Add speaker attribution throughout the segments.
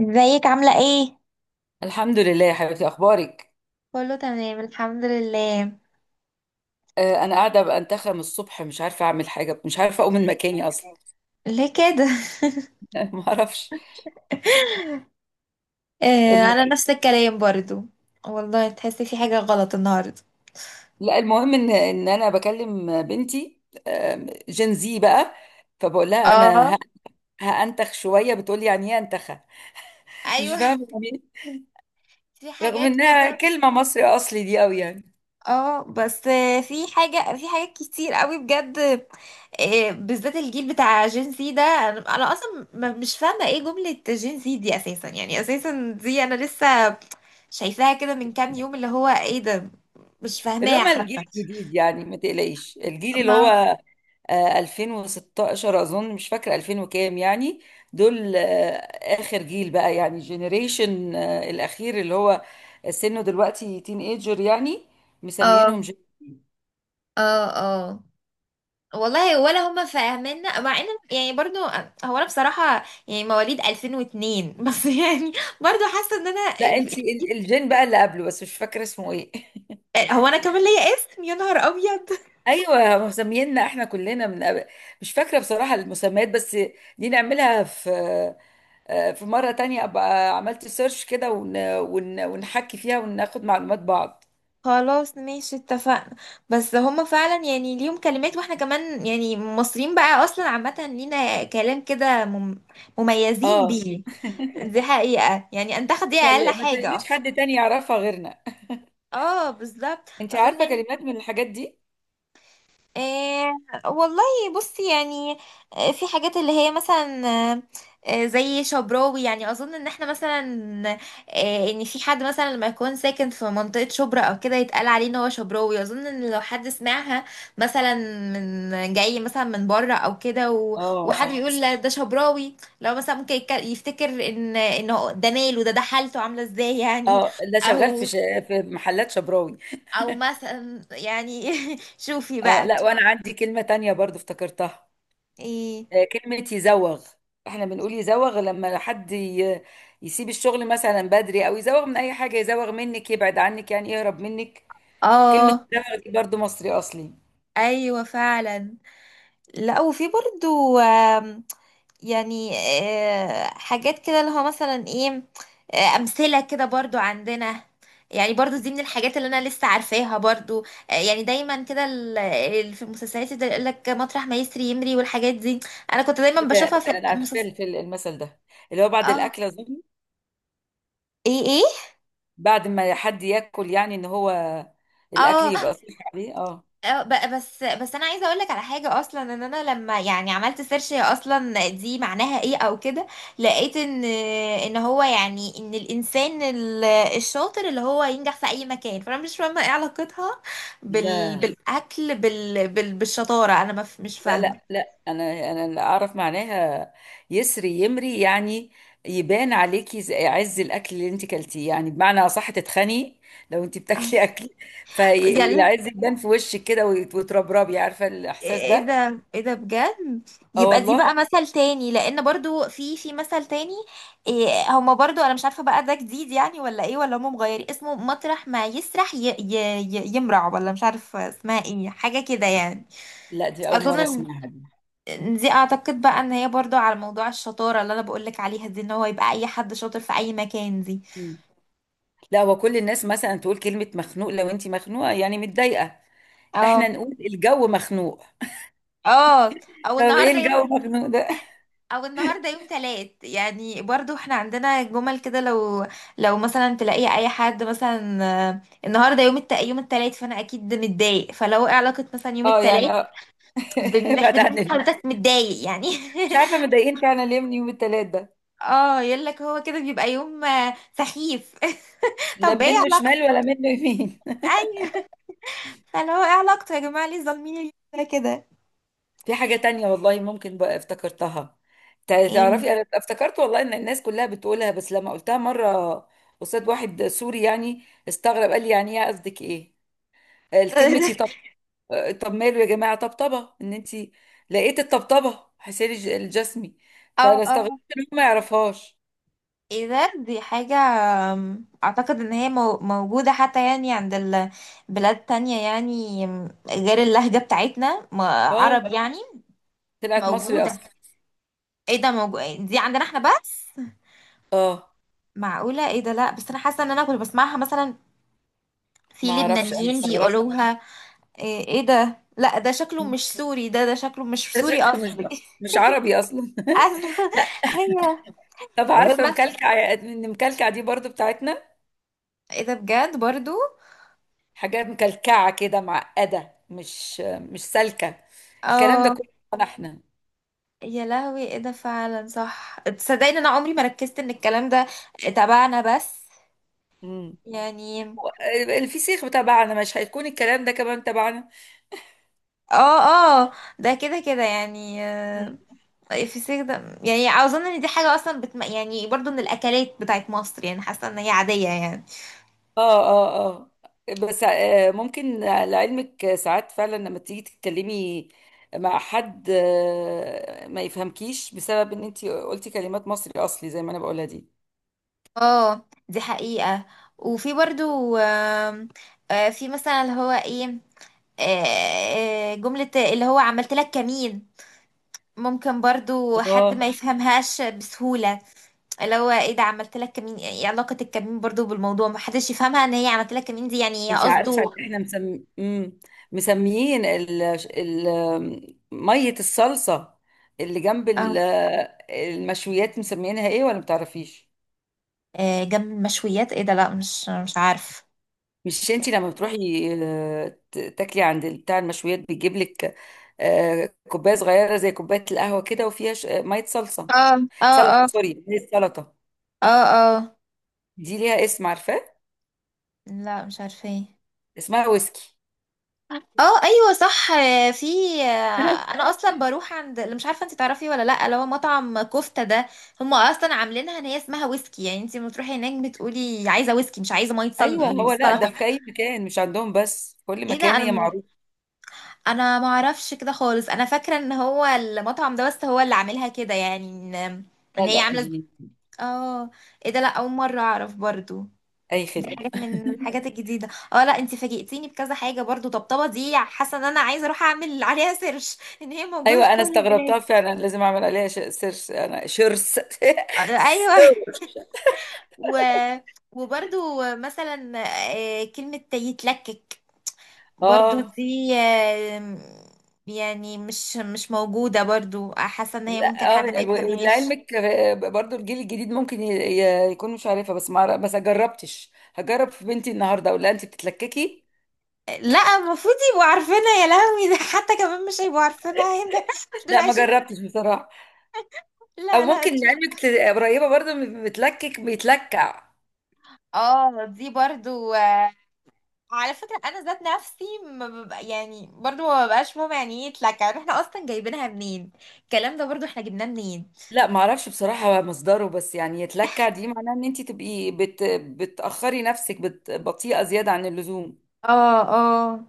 Speaker 1: ازيك عاملة ايه؟
Speaker 2: الحمد لله يا حبيبتي اخبارك.
Speaker 1: كله تمام الحمد لله.
Speaker 2: انا قاعده بنتخم الصبح، مش عارفه اعمل حاجه، مش عارفه اقوم من مكاني اصلا.
Speaker 1: ليه كده؟
Speaker 2: ما اعرفش.
Speaker 1: آه
Speaker 2: الم...
Speaker 1: انا نفس الكلام برضو. والله تحسي في حاجة غلط النهاردة.
Speaker 2: لا، المهم ان انا بكلم بنتي جين زي بقى، فبقول لها
Speaker 1: اه
Speaker 2: انا هانتخ شويه، بتقول لي يعني ايه انتخه؟ مش
Speaker 1: ايوه.
Speaker 2: فاهمه يعني إيه.
Speaker 1: في
Speaker 2: رغم
Speaker 1: حاجات
Speaker 2: انها
Speaker 1: كده.
Speaker 2: كلمه مصري اصلي دي قوي يعني.
Speaker 1: اه بس في حاجة، في حاجات كتير قوي بجد. بالذات الجيل بتاع جين سي ده، انا اصلا مش فاهمة ايه جملة جين سي دي اساسا، يعني اساسا دي انا لسه شايفاها كده من كام يوم، اللي هو ايه ده؟ مش
Speaker 2: اللي
Speaker 1: فاهماها
Speaker 2: هم
Speaker 1: حتى.
Speaker 2: الجيل الجديد يعني، ما تقلقيش، الجيل اللي
Speaker 1: ما
Speaker 2: هو 2016 اظن، مش فاكره 2000 وكام يعني. دول اخر جيل بقى، يعني الجينيريشن الاخير، اللي هو سنه دلوقتي تين ايجر يعني،
Speaker 1: اه
Speaker 2: مسميينهم جن...
Speaker 1: اه اه والله ولا هما فاهميننا، مع ان يعني برضو. هو انا بصراحة يعني مواليد 2002 بس يعني برضو حاسة ان انا.
Speaker 2: لا انت الجين بقى اللي قبله، بس مش فاكره اسمه ايه.
Speaker 1: هو انا كمان ليا اسم، يا نهار ابيض.
Speaker 2: ايوه، هم مسمييننا احنا كلنا من قبل، مش فاكره بصراحه المسميات، بس دي نعملها في في مرة تانية أبقى عملت سيرش كده، ونحكي فيها وناخد معلومات بعض.
Speaker 1: خلاص ماشي اتفقنا. بس هما فعلا يعني ليهم كلمات، واحنا كمان يعني مصريين بقى اصلا عامة لينا كلام كده مميزين
Speaker 2: اه،
Speaker 1: بيه. دي حقيقة يعني انت، دي اقل
Speaker 2: ما
Speaker 1: حاجة
Speaker 2: تقليش
Speaker 1: اصلا.
Speaker 2: حد تاني يعرفها غيرنا.
Speaker 1: اه بالظبط
Speaker 2: انت
Speaker 1: اظن
Speaker 2: عارفة
Speaker 1: يعني.
Speaker 2: كلمات من الحاجات دي؟
Speaker 1: آه والله، بصي يعني، في حاجات اللي هي مثلا آه، زي شبراوي. يعني اظن ان احنا مثلا، آه ان في حد مثلا لما يكون ساكن في منطقة شبرا او كده يتقال عليه ان هو شبراوي. اظن ان لو حد سمعها مثلا من جاي مثلا من بره او كده
Speaker 2: اه
Speaker 1: وحد
Speaker 2: صح،
Speaker 1: بيقول لا ده شبراوي، لو مثلا ممكن يفتكر ان هو ده ماله، ده ده حالته عاملة ازاي يعني.
Speaker 2: اه، ده شغال
Speaker 1: او
Speaker 2: في في محلات شبراوي.
Speaker 1: او مثلا يعني شوفي
Speaker 2: اه،
Speaker 1: بقى.
Speaker 2: لا وانا عندي كلمة تانية برضو افتكرتها،
Speaker 1: ايه.
Speaker 2: كلمة يزوغ. احنا بنقول يزوغ لما حد يسيب الشغل مثلا بدري، او يزوغ من اي حاجة، يزوغ منك يبعد عنك، يعني يهرب منك. كلمة
Speaker 1: اه
Speaker 2: يزوغ دي برضو مصري اصلي.
Speaker 1: ايوه فعلا. لا وفي برضو يعني حاجات كده اللي هو مثلا ايه، امثله كده برضو عندنا، يعني برضو دي من الحاجات اللي انا لسه عارفاها برضو. يعني دايما كده في المسلسلات ده يقول لك مطرح ما يسري يمري والحاجات دي، انا كنت دايما بشوفها
Speaker 2: كده
Speaker 1: في
Speaker 2: انا عارفه
Speaker 1: المسلسل.
Speaker 2: المثل ده، اللي هو بعد
Speaker 1: اه
Speaker 2: الاكل اظن.
Speaker 1: ايه ايه.
Speaker 2: بعد ما حد ياكل يعني ان هو الاكل
Speaker 1: اه
Speaker 2: يبقى صحي عليه. اه،
Speaker 1: اه بس انا عايزه اقول لك على حاجه اصلا. ان انا لما يعني عملت سيرش هي اصلا دي معناها ايه او كده، لقيت ان هو يعني، ان الانسان الشاطر اللي هو ينجح في اي مكان. فانا مش فاهمه ايه علاقتها
Speaker 2: لا
Speaker 1: بالاكل، بالشطاره انا ما ف- مش
Speaker 2: لا
Speaker 1: فاهمه.
Speaker 2: لا، انا اللي اعرف معناها، يسري يمري يعني يبان عليكي عز الاكل اللي انت كلتيه، يعني بمعنى اصح تتخني لو انت
Speaker 1: اه.
Speaker 2: بتاكلي اكل.
Speaker 1: يلا،
Speaker 2: فالعز يبان في وشك كده وتربربي، عارفه الاحساس
Speaker 1: ايه
Speaker 2: ده.
Speaker 1: ده، ايه ده بجد.
Speaker 2: اه
Speaker 1: يبقى دي بقى
Speaker 2: والله،
Speaker 1: مثل تاني، لان برضو في مثل تاني إيه هما برضو. انا مش عارفة بقى ده جديد يعني ولا ايه، ولا هما مغيرين اسمه مطرح ما يسرح ي ي ي يمرع ولا مش عارفة اسمها ايه، حاجة كده يعني.
Speaker 2: لا دي اول
Speaker 1: اظن
Speaker 2: مره
Speaker 1: ان،
Speaker 2: اسمعها.
Speaker 1: إن دي اعتقد بقى ان هي برضو على موضوع الشطارة اللي انا بقولك عليها دي، ان هو يبقى اي حد شاطر في اي مكان دي.
Speaker 2: دي لا، هو كل الناس مثلا تقول كلمة مخنوق، لو انت مخنوقة يعني متضايقة، احنا
Speaker 1: اه
Speaker 2: نقول الجو مخنوق.
Speaker 1: اه. او
Speaker 2: طب ايه
Speaker 1: النهارده يوم
Speaker 2: الجو مخنوق ده؟
Speaker 1: او النهارده يوم تلات، يعني برضو احنا عندنا جمل كده. لو لو مثلا تلاقي اي حد مثلا النهارده يوم يوم التلات، فانا اكيد متضايق. فلو ايه علاقه مثلا يوم
Speaker 2: اه يعني
Speaker 1: التلات،
Speaker 2: اه.
Speaker 1: بنحب
Speaker 2: ابعد
Speaker 1: ان
Speaker 2: عن
Speaker 1: انت حضرتك متضايق يعني.
Speaker 2: مش عارفة متضايقين فعلا ليه من يوم التلات ده،
Speaker 1: اه يقول لك هو كده بيبقى يوم سخيف.
Speaker 2: لا
Speaker 1: طب ايه
Speaker 2: منه شمال
Speaker 1: علاقته.
Speaker 2: ولا منه يمين.
Speaker 1: ايوه فلو ايه علاقته يا جماعه، ليه ظالمين اليوم ده كده.
Speaker 2: في حاجة تانية والله ممكن بقى افتكرتها.
Speaker 1: ايه.
Speaker 2: تعرفي انا افتكرت والله ان الناس كلها بتقولها، بس لما قلتها مرة قصاد واحد سوري، يعني استغرب، قال لي يعني ايه، قصدك ايه؟ الكلمة يطبطب. طب ماله يا جماعه طبطبه، ان انت لقيت الطبطبه حسين الجسمي.
Speaker 1: اه
Speaker 2: فانا استغربت
Speaker 1: اه.
Speaker 2: ان هو ما يعرفهاش.
Speaker 1: اذا دي حاجة اعتقد ان هي موجودة حتى يعني عند البلاد تانية يعني، غير اللهجة بتاعتنا
Speaker 2: اه،
Speaker 1: عرب يعني.
Speaker 2: طلعت مصري
Speaker 1: موجودة؟
Speaker 2: اصلا.
Speaker 1: ايه ده، موجود! دي عندنا احنا بس.
Speaker 2: اه،
Speaker 1: معقولة؟ ايه ده. لا بس انا حاسة ان انا كنت بسمعها مثلا في
Speaker 2: ما اعرفش انا
Speaker 1: لبنانيين
Speaker 2: استغربت.
Speaker 1: بيقولوها. ايه إيه ده، لا ده شكله
Speaker 2: مم.
Speaker 1: مش سوري، ده شكله مش
Speaker 2: ده
Speaker 1: سوري
Speaker 2: شكله مش،
Speaker 1: اصلي.
Speaker 2: مش عربي اصلا.
Speaker 1: اصلا.
Speaker 2: لا.
Speaker 1: ايوه.
Speaker 2: طب عارفه
Speaker 1: بس
Speaker 2: مكلكع؟ ان مكلكع دي برضو بتاعتنا،
Speaker 1: ايه ده بجد برضو.
Speaker 2: حاجات مكلكعه كده، معقده، مش سالكه. الكلام ده
Speaker 1: اه
Speaker 2: كله بتاعنا احنا.
Speaker 1: يا لهوي، ايه ده فعلا صح. تصدقني انا عمري ما ركزت ان الكلام ده تبعنا بس
Speaker 2: امم،
Speaker 1: يعني.
Speaker 2: الفسيخ تبعنا مش هيكون الكلام ده كمان تبعنا؟
Speaker 1: اه اه. ده كده كده يعني في السيخ ده، يعني اظن ان دي حاجة اصلا يعني برضو من الاكلات بتاعت مصر، يعني حاسة ان هي عادية يعني.
Speaker 2: اه اه، اه بس ممكن لعلمك ساعات فعلا لما تيجي تتكلمي مع حد، ما يفهمكيش بسبب ان انت قلتي كلمات مصري اصلي زي ما انا بقولها دي.
Speaker 1: اه دي حقيقة. وفي برضو في مثلا اللي هو ايه، آه، جملة اللي هو عملت لك كمين، ممكن برضو حد ما
Speaker 2: اه،
Speaker 1: يفهمهاش بسهولة. اللي هو ايه ده عملت لك كمين، ايه علاقة الكمين برضو بالموضوع. ما حدش يفهمها ان هي عملت لك كمين دي، يعني هي
Speaker 2: انت عارفه ان
Speaker 1: قصده.
Speaker 2: احنا مسم... مم. مسميين ميه الصلصه اللي جنب
Speaker 1: اه
Speaker 2: المشويات، مسميينها ايه ولا متعرفيش؟
Speaker 1: جنب المشويات، ايه ده لا مش عارف.
Speaker 2: مش انتي لما بتروحي تاكلي عند بتاع المشويات، بيجيب لك كوبايه صغيره زي كوبايه القهوه كده، وفيها ميه صلصه،
Speaker 1: اه اه اه
Speaker 2: سلطه سوري، هي السلطه.
Speaker 1: اه اه.
Speaker 2: دي ليها اسم عارفاه؟
Speaker 1: لا مش عارفه، ايه؟
Speaker 2: اسمها ويسكي.
Speaker 1: اه ايوه صح في انا اصلا بروح عند اللي، مش عارفه انت تعرفي ولا لا، اللي هو مطعم كفته ده، هم اصلا عاملينها ان هي اسمها ويسكي. يعني انت لما تروحي هناك بتقولي عايزه ويسكي، مش عايزه ميه
Speaker 2: ايوه هو، لا ده
Speaker 1: سلطه.
Speaker 2: في اي مكان، مش عندهم بس، في كل
Speaker 1: ايه ده،
Speaker 2: مكان هي معروفه.
Speaker 1: انا ما اعرفش كده خالص. انا فاكره ان هو المطعم ده بس هو اللي عاملها كده، يعني ان
Speaker 2: لا
Speaker 1: ان هي
Speaker 2: لا،
Speaker 1: عامله.
Speaker 2: دي
Speaker 1: اه. ايه ده، لا اول مره اعرف برضو.
Speaker 2: اي
Speaker 1: دي
Speaker 2: خدمه.
Speaker 1: حاجه من الحاجات الجديده. اه لا انت فاجئتيني بكذا حاجه، برضو طبطبه دي حاسه ان انا عايزه اروح اعمل عليها سيرش ان هي موجوده في
Speaker 2: ايوه انا
Speaker 1: كل البلاد.
Speaker 2: استغربتها فعلا، لازم اعمل عليها سيرش، انا شرس
Speaker 1: ايوه
Speaker 2: سيرش.
Speaker 1: و... وبرضو مثلا كلمه يتلكك، برضو
Speaker 2: اه
Speaker 1: دي يعني مش موجودة برضو، حاسة ان هي ممكن
Speaker 2: اه،
Speaker 1: حد ما يفهمهاش.
Speaker 2: ولعلمك برضو الجيل الجديد ممكن يكون مش عارفه، بس ما جربتش، هجرب في بنتي النهارده اقول لها انت بتتلككي.
Speaker 1: لا المفروض يبقوا عارفينها. يا لهوي، ده حتى كمان مش هيبقوا عارفينها. هنا دول
Speaker 2: لا ما
Speaker 1: عايشين.
Speaker 2: جربتش بصراحه. او
Speaker 1: لا لا
Speaker 2: ممكن
Speaker 1: ان شاء
Speaker 2: لعلمك
Speaker 1: الله.
Speaker 2: قريبه برضو من بتلكك، بيتلكع.
Speaker 1: اه دي برضو على فكرة انا ذات نفسي ما ببقى يعني برضو ما ببقاش فاهمة يعني ايه اتلكع، يعني احنا اصلا جايبينها منين الكلام ده، برضو احنا جبناه منين.
Speaker 2: لا ما اعرفش بصراحه مصدره، بس يعني يتلكع دي معناها ان انت تبقي بتاخري نفسك، بطيئه زياده عن اللزوم.
Speaker 1: اه اه.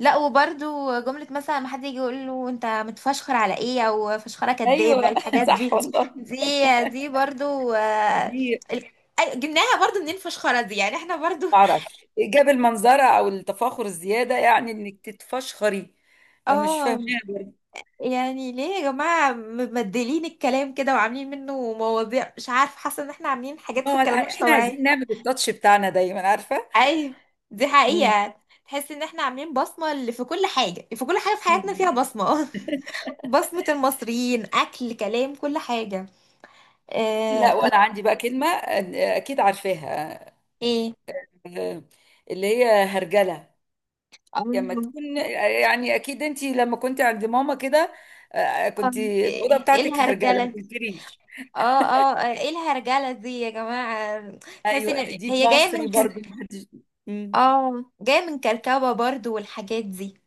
Speaker 1: لا وبرضو جملة مثلا ما حد يجي يقول له انت متفشخر على ايه، او فشخرة كدابة،
Speaker 2: ايوه
Speaker 1: الحاجات
Speaker 2: صح
Speaker 1: دي،
Speaker 2: والله.
Speaker 1: دي برضو
Speaker 2: دي
Speaker 1: ال- جبناها برضو منين فشخرة دي، يعني احنا برضو.
Speaker 2: ما اعرفش جاب المنظره او التفاخر الزياده، يعني انك تتفشخري. مش فاهمه.
Speaker 1: اه يعني ليه يا جماعة مبدلين الكلام كده وعاملين منه مواضيع، مش عارف حاسة ان احنا عاملين حاجات في
Speaker 2: اه لا،
Speaker 1: الكلام مش
Speaker 2: احنا عايزين
Speaker 1: طبيعية.
Speaker 2: نعمل التاتش بتاعنا دايما، عارفه.
Speaker 1: ايوه دي
Speaker 2: مم.
Speaker 1: حقيقة، تحس ان احنا عاملين بصمة، اللي في كل حاجة، في كل حاجة في حياتنا فيها
Speaker 2: مم.
Speaker 1: بصمة. بصمة المصريين، اكل كلام كل حاجة.
Speaker 2: لا
Speaker 1: آه
Speaker 2: وانا
Speaker 1: لا.
Speaker 2: عندي بقى كلمه اكيد عارفاها،
Speaker 1: ايه؟
Speaker 2: آه، اللي هي هرجله. لما
Speaker 1: آه،
Speaker 2: تكون يعني اكيد انت لما كنت عند ماما كده، كنت الاوضه
Speaker 1: ايه إيه
Speaker 2: بتاعتك هرجله، ما
Speaker 1: الهرجلة.
Speaker 2: تنكريش.
Speaker 1: اه اه ايه الهرجلة دي يا جماعة. تحس ان
Speaker 2: ايوه دي في
Speaker 1: هي جاية
Speaker 2: مصري
Speaker 1: من
Speaker 2: برضو
Speaker 1: كرك.
Speaker 2: محدش. مم.
Speaker 1: اه جاية من كركبة برضو والحاجات دي.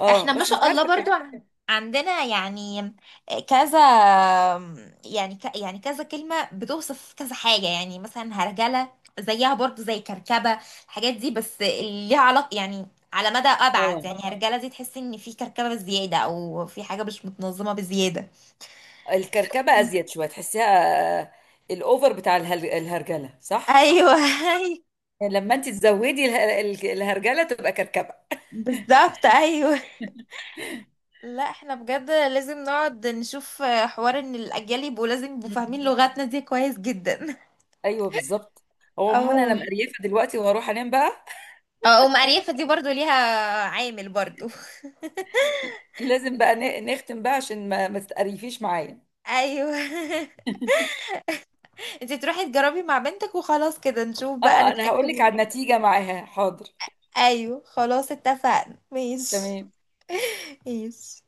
Speaker 2: اه
Speaker 1: احنا ما
Speaker 2: بس مش
Speaker 1: شاء الله
Speaker 2: عارفه كده.
Speaker 1: برضو عندنا يعني كذا يعني يعني كذا كلمة بتوصف كذا حاجة. يعني مثلا هرجلة زيها برضو زي كركبة، الحاجات دي بس ليها علاقة يعني على مدى أبعد.
Speaker 2: اه،
Speaker 1: يعني هرجلة دي تحس إن في كركبة زيادة، أو في حاجة مش متنظمة بزيادة.
Speaker 2: الكركبه ازيد شويه تحسيها، آه، الاوفر بتاع الهرجله صح.
Speaker 1: أيوه أيوه
Speaker 2: لما انت تزودي الهرجله تبقى كركبه.
Speaker 1: بالظبط أيوه. لا احنا بجد لازم نقعد نشوف حوار ان الاجيال يبقوا لازم يبقوا
Speaker 2: مم.
Speaker 1: فاهمين لغتنا دي كويس جدا.
Speaker 2: ايوه بالظبط. هو عموما انا
Speaker 1: اه
Speaker 2: مقريفه دلوقتي، وهروح انام بقى.
Speaker 1: اه. ام اريافه دي برضو ليها عامل برضو.
Speaker 2: لازم بقى نختم بقى عشان ما تتقريفيش معايا.
Speaker 1: ايوه. انت تروحي تجربي مع بنتك وخلاص، كده نشوف بقى
Speaker 2: اه انا
Speaker 1: نتاكد
Speaker 2: هقول لك
Speaker 1: من
Speaker 2: على
Speaker 1: الموضوع.
Speaker 2: النتيجه معاها، حاضر.
Speaker 1: ايوه خلاص اتفقنا، ماشي.
Speaker 2: تمام.
Speaker 1: ماشي.